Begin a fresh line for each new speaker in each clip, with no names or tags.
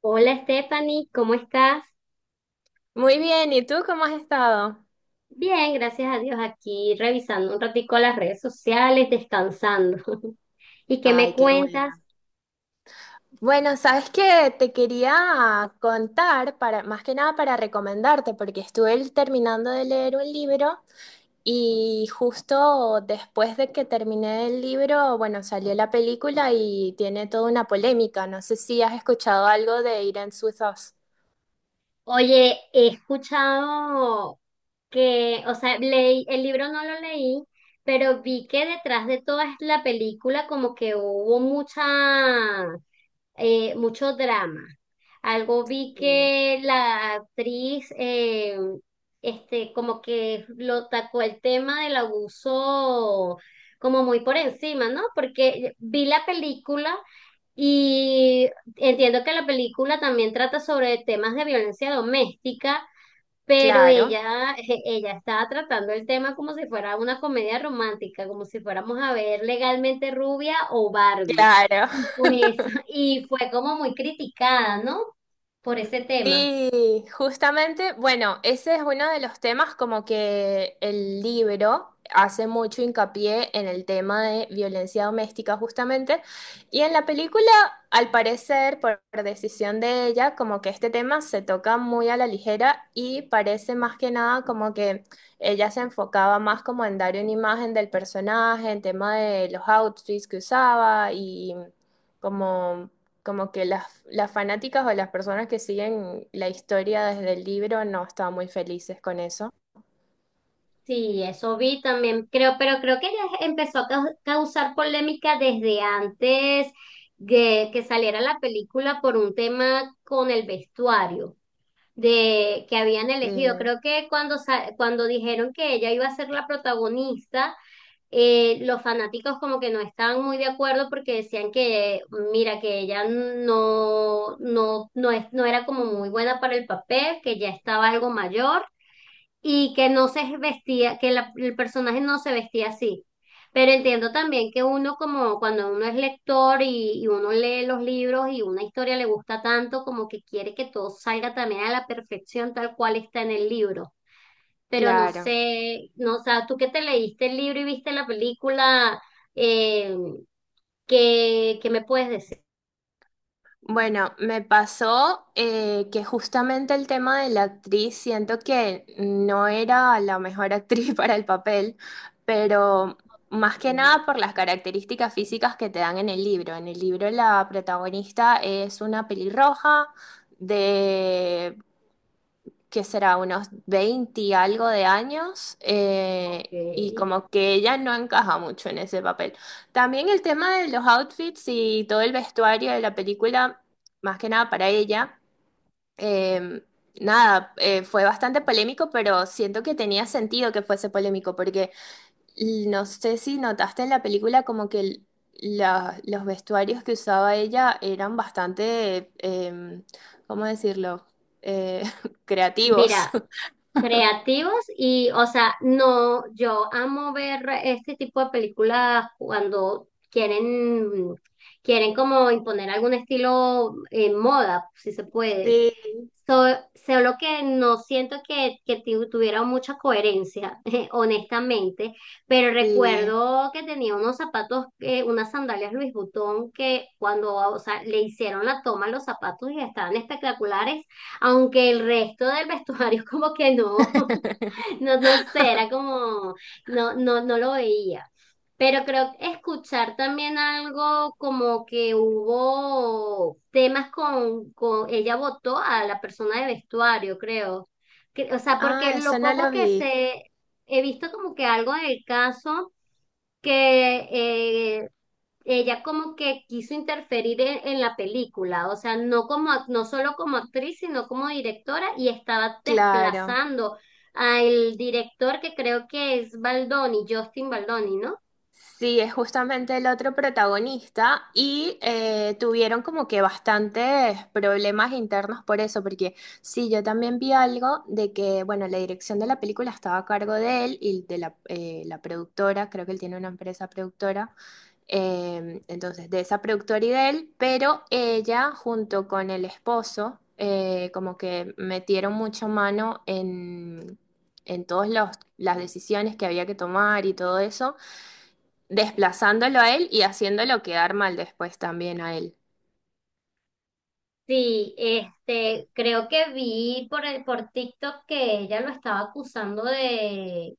Hola Stephanie, ¿cómo estás?
Muy bien, ¿y tú cómo has estado?
Bien, gracias a Dios, aquí revisando un ratico las redes sociales, descansando. ¿Y qué me
Ay, qué
cuentas?
buena. Bueno, sabes que te quería contar para, más que nada para recomendarte, porque estuve terminando de leer un libro y justo después de que terminé el libro, bueno, salió la película y tiene toda una polémica. No sé si has escuchado algo de Irene Suizos.
Oye, he escuchado leí, el libro no lo leí, pero vi que detrás de toda la película como que hubo mucho drama. Algo vi
Sí.
que la actriz, como que lo tacó el tema del abuso como muy por encima, ¿no? Porque vi la película y entiendo que la película también trata sobre temas de violencia doméstica, pero
Claro,
ella estaba tratando el tema como si fuera una comedia romántica, como si fuéramos a ver Legalmente Rubia o Barbie.
claro.
Y por eso, y fue como muy criticada, ¿no? Por ese tema.
Sí, justamente, bueno, ese es uno de los temas como que el libro hace mucho hincapié en el tema de violencia doméstica justamente, y en la película, al parecer, por decisión de ella, como que este tema se toca muy a la ligera y parece más que nada como que ella se enfocaba más como en dar una imagen del personaje, en tema de los outfits que usaba y como como que las fanáticas o las personas que siguen la historia desde el libro no estaban muy felices con eso.
Sí, eso vi también, creo, pero creo que ella empezó a causar polémica desde antes de que saliera la película por un tema con el vestuario de que habían elegido.
Eh,
Creo que cuando dijeron que ella iba a ser la protagonista, los fanáticos como que no estaban muy de acuerdo porque decían que, mira, que ella no era como muy buena para el papel, que ya estaba algo mayor y que no se vestía, que el personaje no se vestía así. Pero entiendo también que uno como cuando uno es lector y uno lee los libros y una historia le gusta tanto, como que quiere que todo salga también a la perfección tal cual está en el libro. Pero no
claro.
sé, no, o sea, tú que te leíste el libro y viste la película, eh, ¿qué me puedes decir?
Bueno, me pasó que justamente el tema de la actriz, siento que no era la mejor actriz para el papel, pero más que nada por las características físicas que te dan en el libro. En el libro la protagonista es una pelirroja de que será unos 20 y algo de años,
Ok.
y como que ella no encaja mucho en ese papel. También el tema de los outfits y todo el vestuario de la película, más que nada para ella, eh, nada, fue bastante polémico, pero siento que tenía sentido que fuese polémico, porque no sé si notaste en la película como que los vestuarios que usaba ella eran bastante, ¿cómo decirlo? Eh, creativos.
Mira, creativos y, o sea, no, yo amo ver este tipo de películas cuando quieren como imponer algún estilo en moda, si se puede.
Sí,
Solo que no siento que tuviera mucha coherencia, honestamente, pero
sí.
recuerdo que tenía unos unas sandalias Louis Vuitton que cuando, o sea, le hicieron la toma a los zapatos y estaban espectaculares, aunque el resto del vestuario como que no. No, no sé, era como, no lo veía. Pero creo que escuchar también algo como que hubo temas con ella votó a la persona de vestuario, creo. O sea, porque
Ah, eso
lo
no
poco
lo
que
vi.
se, he visto como que algo del caso que ella como que quiso interferir en la película, o sea, no como no solo como actriz, sino como directora y estaba
Claro.
desplazando al director que creo que es Baldoni, Justin Baldoni, ¿no?
Sí, es justamente el otro protagonista y tuvieron como que bastantes problemas internos por eso, porque sí, yo también vi algo de que, bueno, la dirección de la película estaba a cargo de él y de la, la productora, creo que él tiene una empresa productora. Entonces, de esa productora y de él, pero ella junto con el esposo, como que metieron mucho mano en todas las decisiones que había que tomar y todo eso, desplazándolo a él y haciéndolo quedar mal después también a él.
Sí, este, creo que vi por por TikTok que ella lo estaba acusando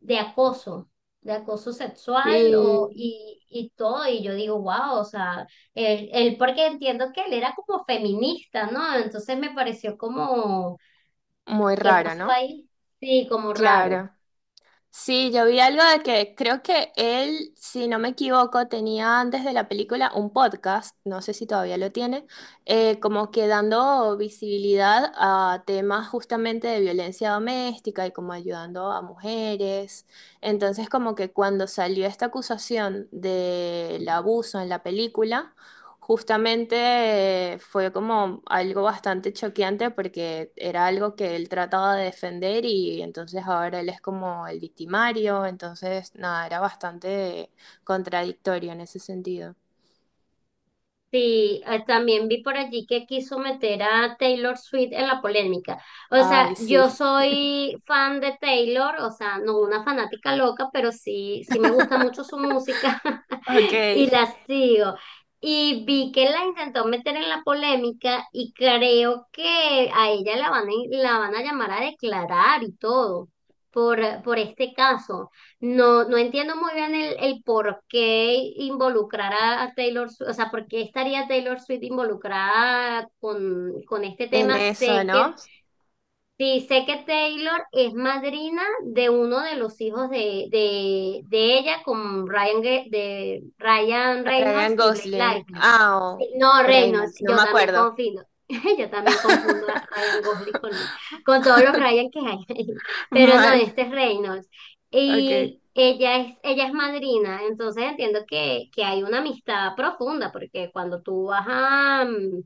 de acoso, de acoso sexual
Sí,
y todo. Y yo digo, wow, o sea, él, porque entiendo que él era como feminista, ¿no? Entonces me pareció como,
muy
¿qué
raro,
pasó
¿no?
ahí? Sí, como raro.
Claro. Sí, yo vi algo de que creo que él, si no me equivoco, tenía antes de la película un podcast, no sé si todavía lo tiene, como que dando visibilidad a temas justamente de violencia doméstica y como ayudando a mujeres. Entonces, como que cuando salió esta acusación del abuso en la película, justamente fue como algo bastante choqueante porque era algo que él trataba de defender y entonces ahora él es como el victimario, entonces nada, era bastante contradictorio en ese sentido.
Sí, también vi por allí que quiso meter a Taylor Swift en la polémica. O sea,
Ay,
yo
sí,
soy fan de Taylor, o sea, no una fanática loca, pero sí, sí me gusta mucho su música.
ok,
Y la sigo. Y vi que la intentó meter en la polémica y creo que a ella la van a llamar a declarar y todo por este caso. No, no entiendo muy bien el por qué involucrar a Taylor Swift, o sea, por qué estaría Taylor Swift involucrada con este
en
tema.
eso,
Sé
¿no?
que sí, sé que Taylor es madrina de uno de los hijos de ella con Ryan, de Ryan Reynolds
Ryan
y Blake
Gosling,
Lively.
ah,
Sí, no,
o
Reynolds,
Reynolds, no
yo
me
también
acuerdo.
confundo. Yo también confundo a Ryan Gosling con todos los Ryan que hay. Pero no,
Mal,
este es Reynolds.
ok.
Y ella es madrina, entonces entiendo que hay una amistad profunda, porque cuando tú vas a, mm,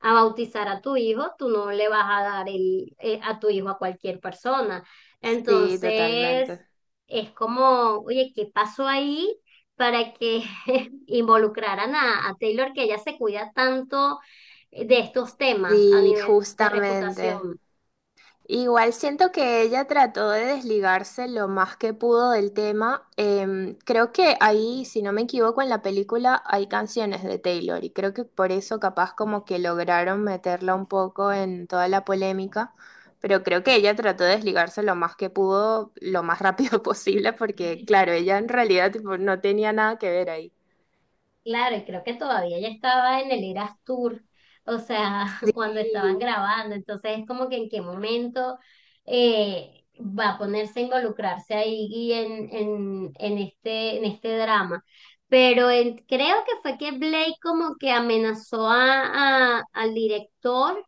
a bautizar a tu hijo, tú no le vas a dar a tu hijo a cualquier persona.
Sí,
Entonces,
totalmente.
es como, oye, ¿qué pasó ahí para que involucraran a Taylor, que ella se cuida tanto de estos temas a
Sí,
nivel de
justamente.
reputación?
Igual siento que ella trató de desligarse lo más que pudo del tema. Creo que ahí, si no me equivoco, en la película hay canciones de Taylor y creo que por eso capaz como que lograron meterla un poco en toda la polémica, pero creo que ella trató de desligarse lo más que pudo, lo más rápido posible, porque claro, ella en realidad tipo, no tenía nada que ver ahí.
Claro, y creo que todavía ya estaba en el Eras Tour, o sea, cuando estaban
Sí,
grabando, entonces es como que en qué momento va a ponerse a involucrarse ahí y en este drama. Pero creo que fue que Blake como que amenazó al director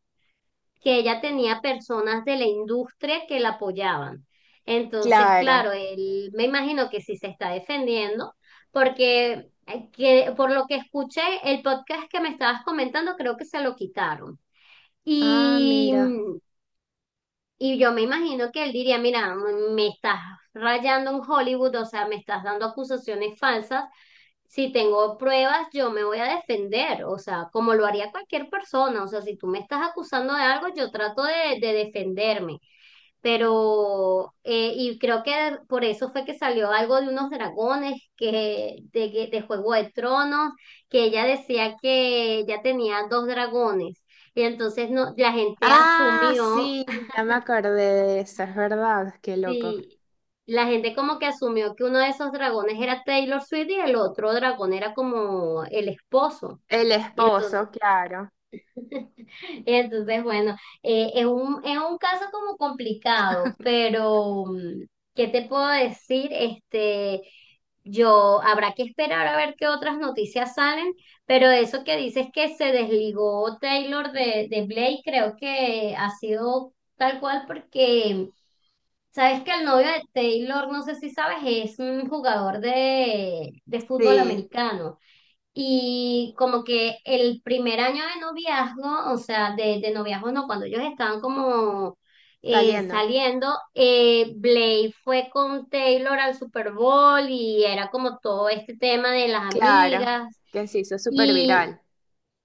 que ella tenía personas de la industria que la apoyaban. Entonces,
claro.
claro, él me imagino que sí se está defendiendo, porque por lo que escuché, el podcast que me estabas comentando creo que se lo quitaron.
Ah,
Y,
mira.
y yo me imagino que él diría, mira, me estás rayando en Hollywood, o sea, me estás dando acusaciones falsas si tengo pruebas, yo me voy a defender, o sea, como lo haría cualquier persona, o sea, si tú me estás acusando de algo, yo trato de defenderme, pero, y creo que por eso fue que salió algo de unos dragones, de Juego de Tronos, que ella decía que ella tenía dos dragones, y entonces no, la gente
Ah,
asumió,
sí, ya me acordé de eso, es verdad, qué loco.
y la gente como que asumió que uno de esos dragones era Taylor Swift y el otro dragón era como el esposo.
El
Y entonces,
esposo, claro.
y entonces bueno, es un caso como complicado, pero mm, ¿qué te puedo decir? Este, yo habrá que esperar a ver qué otras noticias salen, pero eso que dices que se desligó Taylor de Blake, creo que ha sido tal cual porque sabes que el novio de Taylor, no sé si sabes, es un jugador de fútbol
Sí,
americano. Y como que el primer año de noviazgo, o sea, de noviazgo no, cuando ellos estaban como
saliendo.
saliendo, Blake fue con Taylor al Super Bowl y era como todo este tema de las
Claro,
amigas.
que se hizo súper
Y
viral.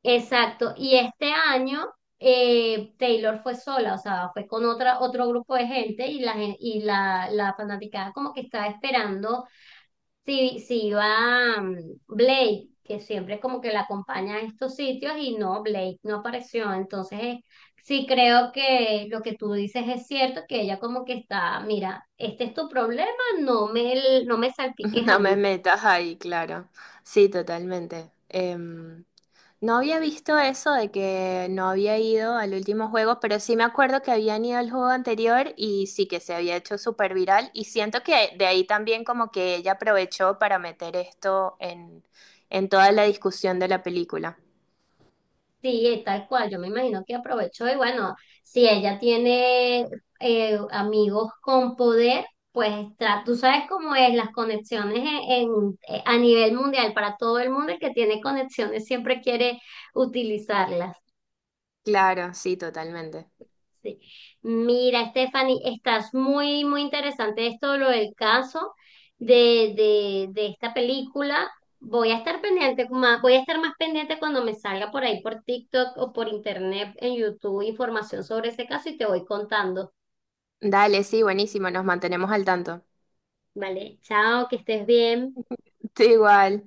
exacto, y este año Taylor fue sola, o sea, fue con otro grupo de gente y la, gen- y la fanaticada como que estaba esperando si, si iba mm, Blake, que siempre como que la acompaña a estos sitios y no, Blake no apareció. Entonces, sí creo que lo que tú dices es cierto, que ella como que está, mira, este es tu problema, no me salpiques
No
a
me
mí.
metas ahí, claro. Sí, totalmente. No había visto eso de que no había ido al último juego, pero sí me acuerdo que habían ido al juego anterior y sí que se había hecho súper viral. Y siento que de ahí también como que ella aprovechó para meter esto en toda la discusión de la película.
Sí, tal cual, yo me imagino que aprovechó y bueno, si ella tiene amigos con poder, pues tú sabes cómo es las conexiones a nivel mundial, para todo el mundo el que tiene conexiones siempre quiere utilizarlas.
Claro, sí, totalmente.
Sí. Mira, Stephanie, estás muy interesante esto, lo del caso de esta película. Voy a estar pendiente, más, voy a estar más pendiente cuando me salga por ahí por TikTok o por internet, en YouTube, información sobre ese caso y te voy contando.
Dale, sí, buenísimo, nos mantenemos al tanto.
Vale, chao, que estés bien.
Tú igual.